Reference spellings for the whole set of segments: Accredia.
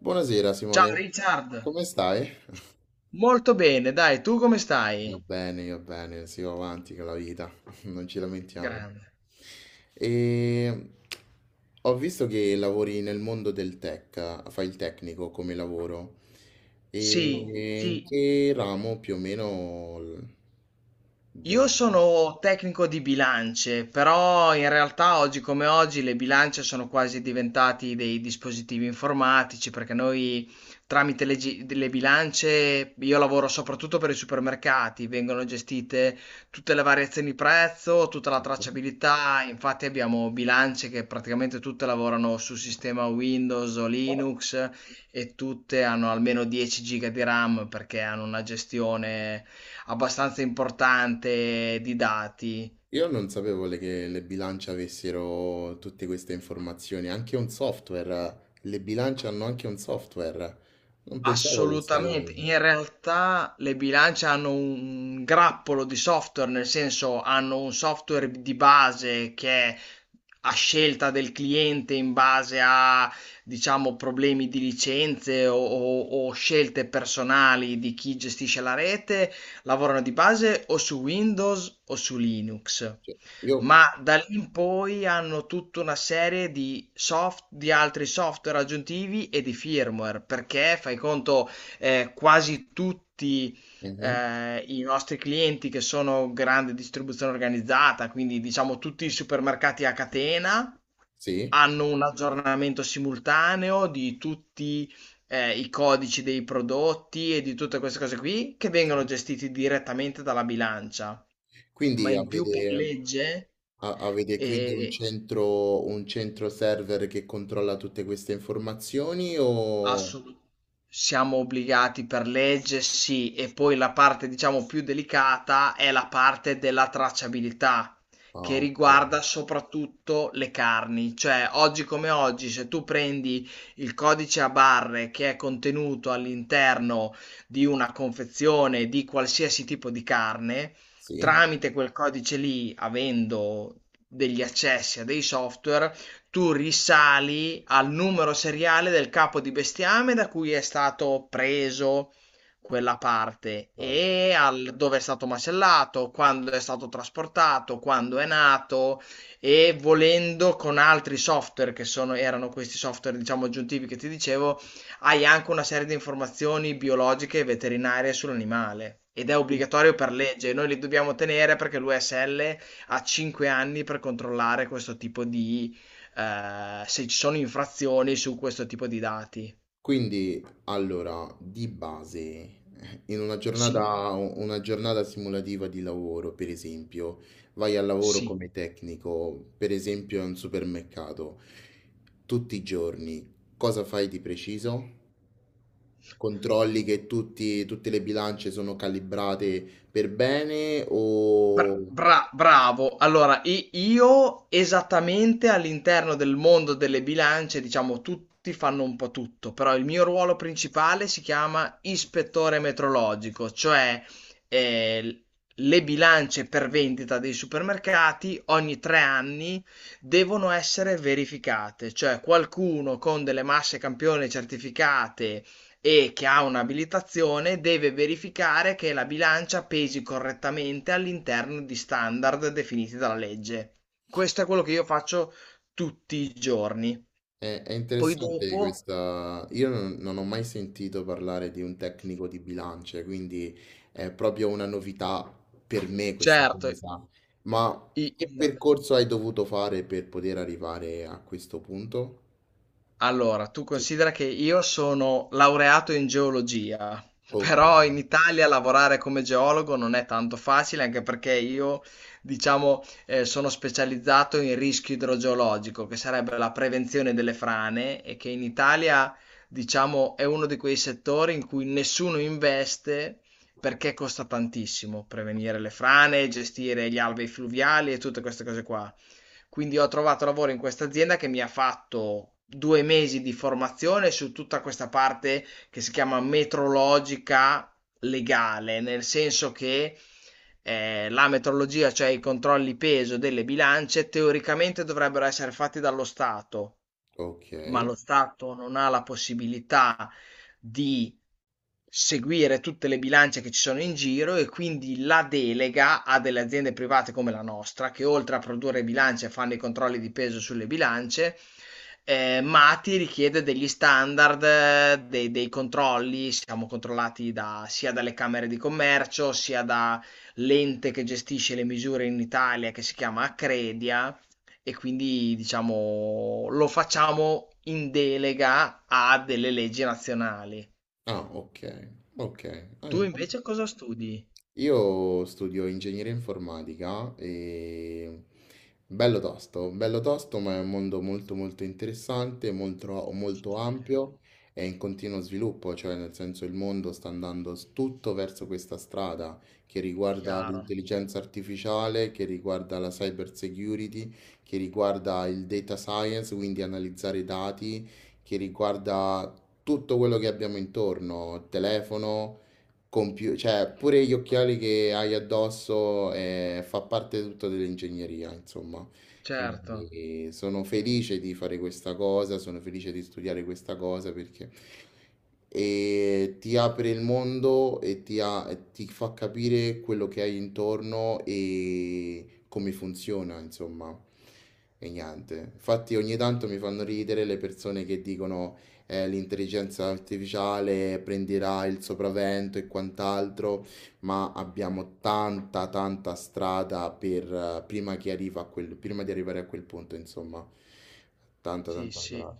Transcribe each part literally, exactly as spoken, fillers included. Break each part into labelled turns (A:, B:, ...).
A: Buonasera
B: Ciao
A: Simone,
B: Richard,
A: come stai?
B: molto bene, dai, tu come
A: Io
B: stai?
A: bene, io bene, si va avanti con la vita, non ci lamentiamo.
B: Grande.
A: E Ho visto che lavori nel mondo del tech, fai il tecnico come lavoro. E
B: Sì,
A: in
B: sì,
A: che ramo più o meno? l- de-
B: io sono tecnico di bilance, però in realtà oggi come oggi le bilance sono quasi diventati dei dispositivi informatici perché noi tramite le, gi- le bilance, io lavoro soprattutto per i supermercati, vengono gestite tutte le variazioni di prezzo, tutta la tracciabilità. Infatti abbiamo bilance che praticamente tutte lavorano su sistema Windows o Linux e tutte hanno almeno dieci giga di RAM perché hanno una gestione abbastanza importante di dati.
A: Io non sapevo le- che le bilance avessero tutte queste informazioni, anche un software, le bilance hanno anche un software, non pensavo a questa
B: Assolutamente,
A: cosa.
B: in realtà le bilance hanno un grappolo di software, nel senso hanno un software di base che è a scelta del cliente in base a, diciamo, problemi di licenze o, o- o scelte personali di chi gestisce la rete; lavorano di base o su Windows o su Linux.
A: Io,
B: Ma da lì in poi hanno tutta una serie di soft- di altri software aggiuntivi e di firmware, perché fai conto, eh, quasi tutti
A: mhm,
B: eh, i nostri clienti, che sono grande distribuzione organizzata, quindi diciamo tutti i supermercati a catena,
A: sì,
B: hanno un aggiornamento simultaneo di tutti eh, i codici dei prodotti e di tutte queste cose qui, che vengono gestiti direttamente dalla bilancia. Ma
A: quindi
B: in più per
A: avete,
B: legge,
A: a- avete quindi un
B: eh,
A: centro, un centro server che controlla tutte queste informazioni o...
B: assolu- siamo obbligati per legge, sì, e poi la parte diciamo più delicata è la parte della tracciabilità,
A: Ah,
B: che
A: ok,
B: riguarda soprattutto le carni. Cioè oggi come oggi, se tu prendi il codice a barre che è contenuto all'interno di una confezione di qualsiasi tipo di carne,
A: sì,
B: tramite quel codice lì, avendo degli accessi a dei software, tu risali al numero seriale del capo di bestiame da cui è stato preso quella parte,
A: ah,
B: e al dove è stato macellato, quando è stato trasportato, quando è nato, e volendo con altri software che sono, erano questi software diciamo aggiuntivi che ti dicevo, hai anche una serie di informazioni biologiche e veterinarie sull'animale, ed è obbligatorio per legge. Noi li dobbiamo tenere perché l'U S L ha cinque anni per controllare questo tipo di, eh, se ci sono infrazioni su questo tipo di dati.
A: quindi, allora, di base, in una
B: Sì,
A: giornata, una giornata simulativa di lavoro, per esempio, vai al lavoro
B: sì.
A: come tecnico, per esempio, in un supermercato, tutti i giorni, cosa fai di preciso? Controlli che tutti- tutte le bilance sono calibrate per bene o...
B: Bra- bra- bravo. Allora, i- io esattamente all'interno del mondo delle bilance, diciamo, tutti fanno un po' tutto, però il mio ruolo principale si chiama ispettore metrologico. Cioè eh, l- le bilance per vendita dei supermercati ogni tre anni devono essere verificate, cioè qualcuno con delle masse campione certificate e che ha un'abilitazione deve verificare che la bilancia pesi correttamente all'interno di standard definiti dalla legge. Questo è quello che io faccio tutti i giorni.
A: È, è
B: Poi
A: interessante
B: dopo,
A: questa. Io non, non ho mai sentito parlare di un tecnico di bilance, quindi è proprio una novità per me questa
B: certo,
A: cosa. Ma
B: i-
A: che
B: i-
A: percorso hai dovuto fare per poter arrivare a questo punto?
B: allora, tu
A: Sì.
B: considera che io sono laureato in geologia,
A: Ok,
B: però in Italia lavorare come geologo non è tanto facile, anche perché io, diciamo, eh, sono specializzato in rischio idrogeologico, che sarebbe la prevenzione delle frane, e che in Italia, diciamo, è uno di quei settori in cui nessuno investe perché costa tantissimo prevenire le frane, gestire gli alvei fluviali e tutte queste cose qua. Quindi ho trovato lavoro in questa azienda, che mi ha fatto due mesi di formazione su tutta questa parte che si chiama metrologica legale, nel senso che eh, la metrologia, cioè i controlli peso delle bilance, teoricamente dovrebbero essere fatti dallo Stato,
A: ok.
B: ma lo Stato non ha la possibilità di seguire tutte le bilance che ci sono in giro, e quindi la delega a delle aziende private come la nostra, che oltre a produrre bilance fanno i controlli di peso sulle bilance. Eh, ma ti richiede degli standard, eh, dei, dei controlli. Siamo controllati da, sia dalle camere di commercio, sia da l'ente che gestisce le misure in Italia, che si chiama Accredia, e quindi diciamo lo facciamo in delega a delle leggi nazionali.
A: Ah, ok, ok. Ah,
B: Tu
A: interessante.
B: invece cosa studi?
A: Io studio ingegneria informatica e bello tosto, bello tosto, ma è un mondo molto molto interessante, molto,
B: Ci
A: molto
B: credo.
A: ampio e in continuo sviluppo, cioè nel senso il mondo sta andando s- tutto verso questa strada che riguarda
B: Chiaro,
A: l'intelligenza artificiale, che riguarda la cyber security, che riguarda il data science, quindi analizzare i dati, che riguarda tutto quello che abbiamo intorno, telefono compiu- cioè pure gli occhiali che hai addosso eh, fa parte tutto dell'ingegneria, insomma.
B: certo,
A: Quindi sono felice di fare questa cosa, sono felice di studiare questa cosa perché e ti apre il mondo e ti, ha- e ti fa capire quello che hai intorno e come funziona, insomma. E niente. Infatti ogni tanto mi fanno ridere le persone che dicono eh, l'intelligenza artificiale prenderà il sopravvento e quant'altro, ma abbiamo tanta, tanta strada per, eh, prima che arriva a quel, prima di arrivare a quel punto, insomma. Tanta,
B: sì,
A: tanta
B: sì.
A: strada.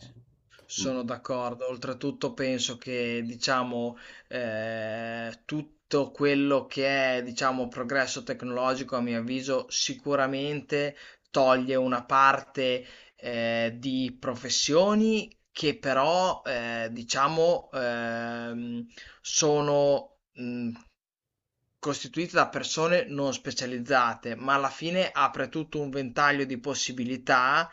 A: Mm,
B: Sono d'accordo. Oltretutto penso che, diciamo, eh, tutto quello che è, diciamo, progresso tecnologico, a mio avviso, sicuramente toglie una parte, eh, di professioni che, però, eh, diciamo, ehm, sono mh, costituita da persone non specializzate, ma alla fine apre tutto un ventaglio di possibilità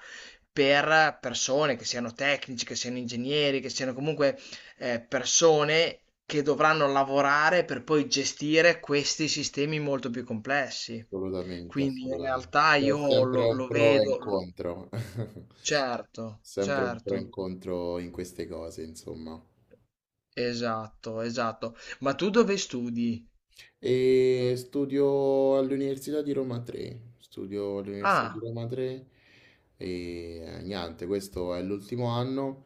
B: per persone che siano tecnici, che siano ingegneri, che siano comunque eh, persone che dovranno lavorare per poi gestire questi sistemi molto più complessi.
A: assolutamente,
B: Quindi in
A: assolutamente.
B: realtà
A: C'è
B: io
A: sempre
B: lo,
A: un
B: lo
A: pro e un
B: vedo,
A: contro.
B: certo,
A: Sempre un pro e un
B: certo,
A: contro in queste cose, insomma.
B: esatto, esatto. Ma tu dove studi?
A: E studio all'Università di Roma tre, studio all'Università di
B: Ah,
A: Roma tre e eh, niente, questo è l'ultimo anno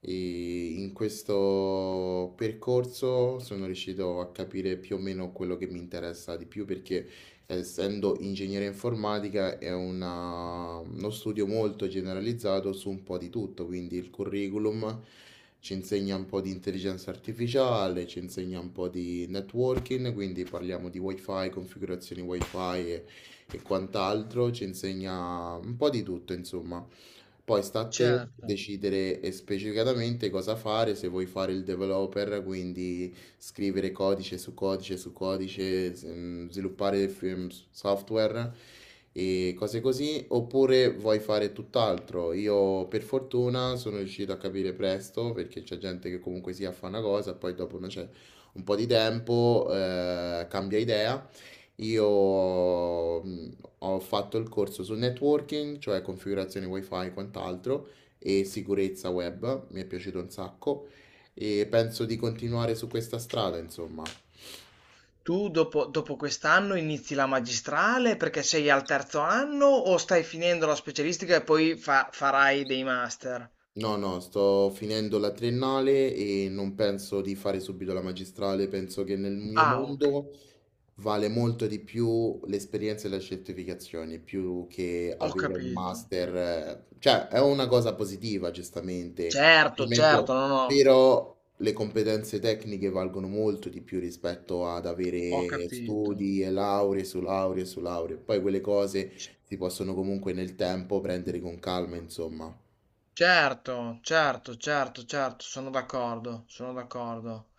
A: e in questo percorso sono riuscito a capire più o meno quello che mi interessa di più perché essendo ingegneria informatica è una- uno studio molto generalizzato su un po' di tutto, quindi il curriculum ci insegna un po' di intelligenza artificiale, ci insegna un po' di networking, quindi parliamo di wifi, configurazioni wifi e, e quant'altro, ci insegna un po' di tutto, insomma. Poi sta a te
B: certo.
A: decidere eh, specificatamente cosa fare, se vuoi fare il developer, quindi scrivere codice su codice su codice, s- mm, sviluppare f- mm, s- software e cose così, oppure vuoi fare tutt'altro. Io per fortuna sono riuscito a capire presto perché c'è gente che comunque sia fa una cosa, poi dopo non c'è un po' di tempo, eh, cambia idea. Io mh, ho fatto il corso su networking, cioè configurazione wifi e quant'altro, e sicurezza web, mi è piaciuto un sacco e penso di continuare su questa strada, insomma.
B: Tu dopo, dopo quest'anno inizi la magistrale perché sei al terzo anno, o stai finendo la specialistica e poi fa- farai dei master?
A: No, no, sto finendo la triennale e non penso di fare subito la magistrale, penso che nel mio
B: Ah, ho,
A: mondo vale molto di più l'esperienza e le certificazioni, più che
B: ho
A: avere un
B: capito.
A: master, eh, cioè è una cosa positiva, giustamente, Ti
B: Certo,
A: metto-
B: certo, no, no,
A: però le competenze tecniche valgono molto di più rispetto ad
B: ho
A: avere
B: capito.
A: studi e lauree su lauree su lauree, poi quelle cose
B: C-
A: si possono comunque nel tempo prendere con calma, insomma.
B: Certo, certo, certo, certo, sono d'accordo, sono d'accordo.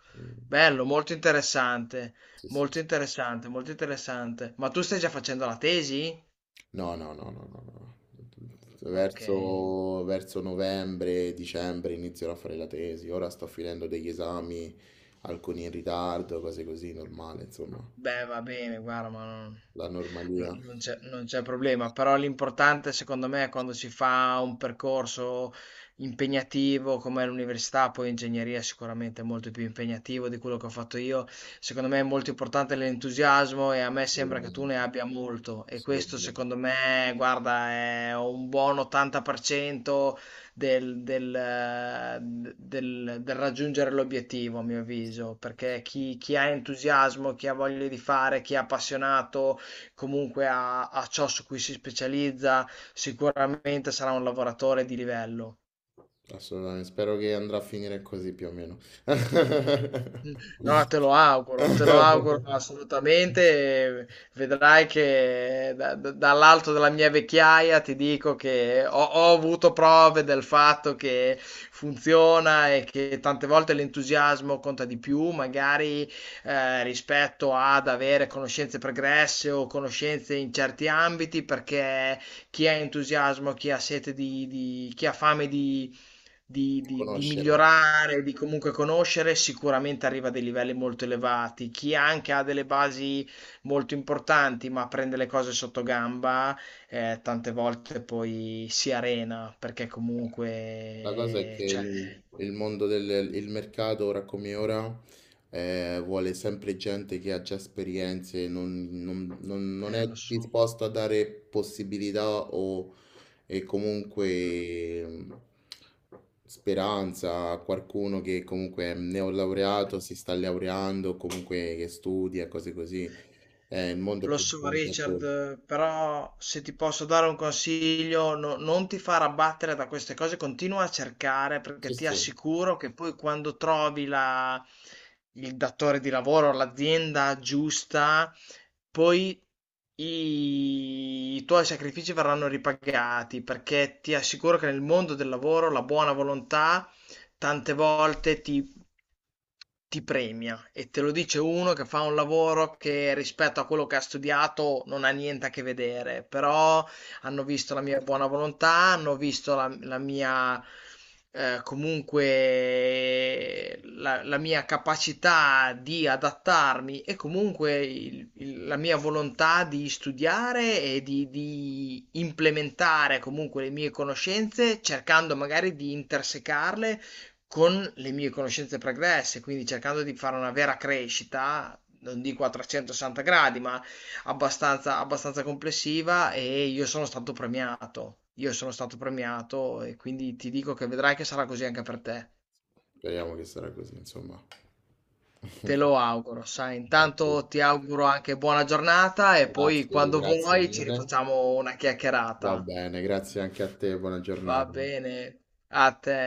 B: Bello, molto interessante,
A: Sì, sì,
B: molto
A: sì.
B: interessante, molto interessante. Ma tu stai già facendo la tesi?
A: No, no, no, no, no, no.
B: Ok.
A: Verso, verso novembre, dicembre inizierò a fare la tesi. Ora sto finendo degli esami, alcuni in ritardo, cose così, normale, insomma,
B: Beh, va bene, guarda, ma non,
A: la normalia.
B: non- non c'è non c'è problema, però l'importante secondo me è quando si fa un percorso impegnativo come l'università, poi ingegneria sicuramente è molto più impegnativo di quello che ho fatto io. Secondo me è molto importante l'entusiasmo, e a me sembra che tu ne
A: Assolutamente,
B: abbia molto, e questo secondo
A: assolutamente.
B: me, guarda, è un buon ottanta per cento del, del, eh, del- del raggiungere l'obiettivo, a mio avviso, perché chi, chi ha entusiasmo, chi ha voglia di fare, chi è appassionato comunque a a ciò su cui si specializza, sicuramente sarà un lavoratore di livello.
A: Assolutamente. Spero che andrà a finire così più o meno.
B: Mm. No, te lo auguro, te lo auguro assolutamente. eh, Vedrai che da- da- dall'alto della mia vecchiaia ti dico che ho, ho avuto prove del fatto che funziona, e che tante volte l'entusiasmo conta di più, magari, eh, rispetto ad avere conoscenze pregresse o conoscenze in certi ambiti, perché chi ha entusiasmo, chi ha sete di, di- chi ha fame di, di- di
A: Conoscere.
B: migliorare, di comunque conoscere, sicuramente arriva a dei livelli molto elevati. Chi anche ha delle basi molto importanti, ma prende le cose sotto gamba, eh, tante volte poi si arena, perché
A: La cosa è
B: comunque,
A: che
B: cioè,
A: il, il mondo del il mercato, ora come ora, eh, vuole sempre gente che ha già esperienze, non, non- non- non
B: eh,
A: è
B: lo so.
A: disposto a dare possibilità o e comunque mh, speranza a qualcuno che comunque è neolaureato, si sta laureando, comunque che studia, cose così. Eh, il mondo è
B: Lo
A: più
B: so,
A: grande di questo.
B: Richard, però se ti posso dare un consiglio, no- non ti far abbattere da queste cose, continua a cercare
A: Sì,
B: perché ti
A: sì.
B: assicuro che poi quando trovi la- il datore di lavoro, l'azienda giusta, poi i, i tuoi sacrifici verranno ripagati, perché ti assicuro che nel mondo del lavoro la buona volontà tante volte ti ti premia, e te lo dice uno che fa un lavoro che rispetto a quello che ha studiato non ha niente a che vedere. Però hanno visto la mia buona volontà, hanno visto la, la mia, eh, comunque la, la mia capacità di adattarmi, e comunque il- il- la mia volontà di studiare, e di, di implementare comunque le mie conoscenze, cercando magari di intersecarle con le mie conoscenze pregresse, quindi cercando di fare una vera crescita, non dico a trecentosessanta gradi, ma abbastanza, abbastanza complessiva. E io sono stato premiato. Io sono stato premiato, e quindi ti dico che vedrai che sarà così anche per te.
A: Speriamo che sarà così, insomma.
B: Te lo auguro, sai.
A: Grazie.
B: Intanto ti auguro anche buona giornata, e poi
A: Grazie,
B: quando
A: grazie
B: vuoi ci
A: mille.
B: rifacciamo una
A: Va
B: chiacchierata.
A: bene, grazie anche a te, buona
B: Va
A: giornata.
B: bene, a te.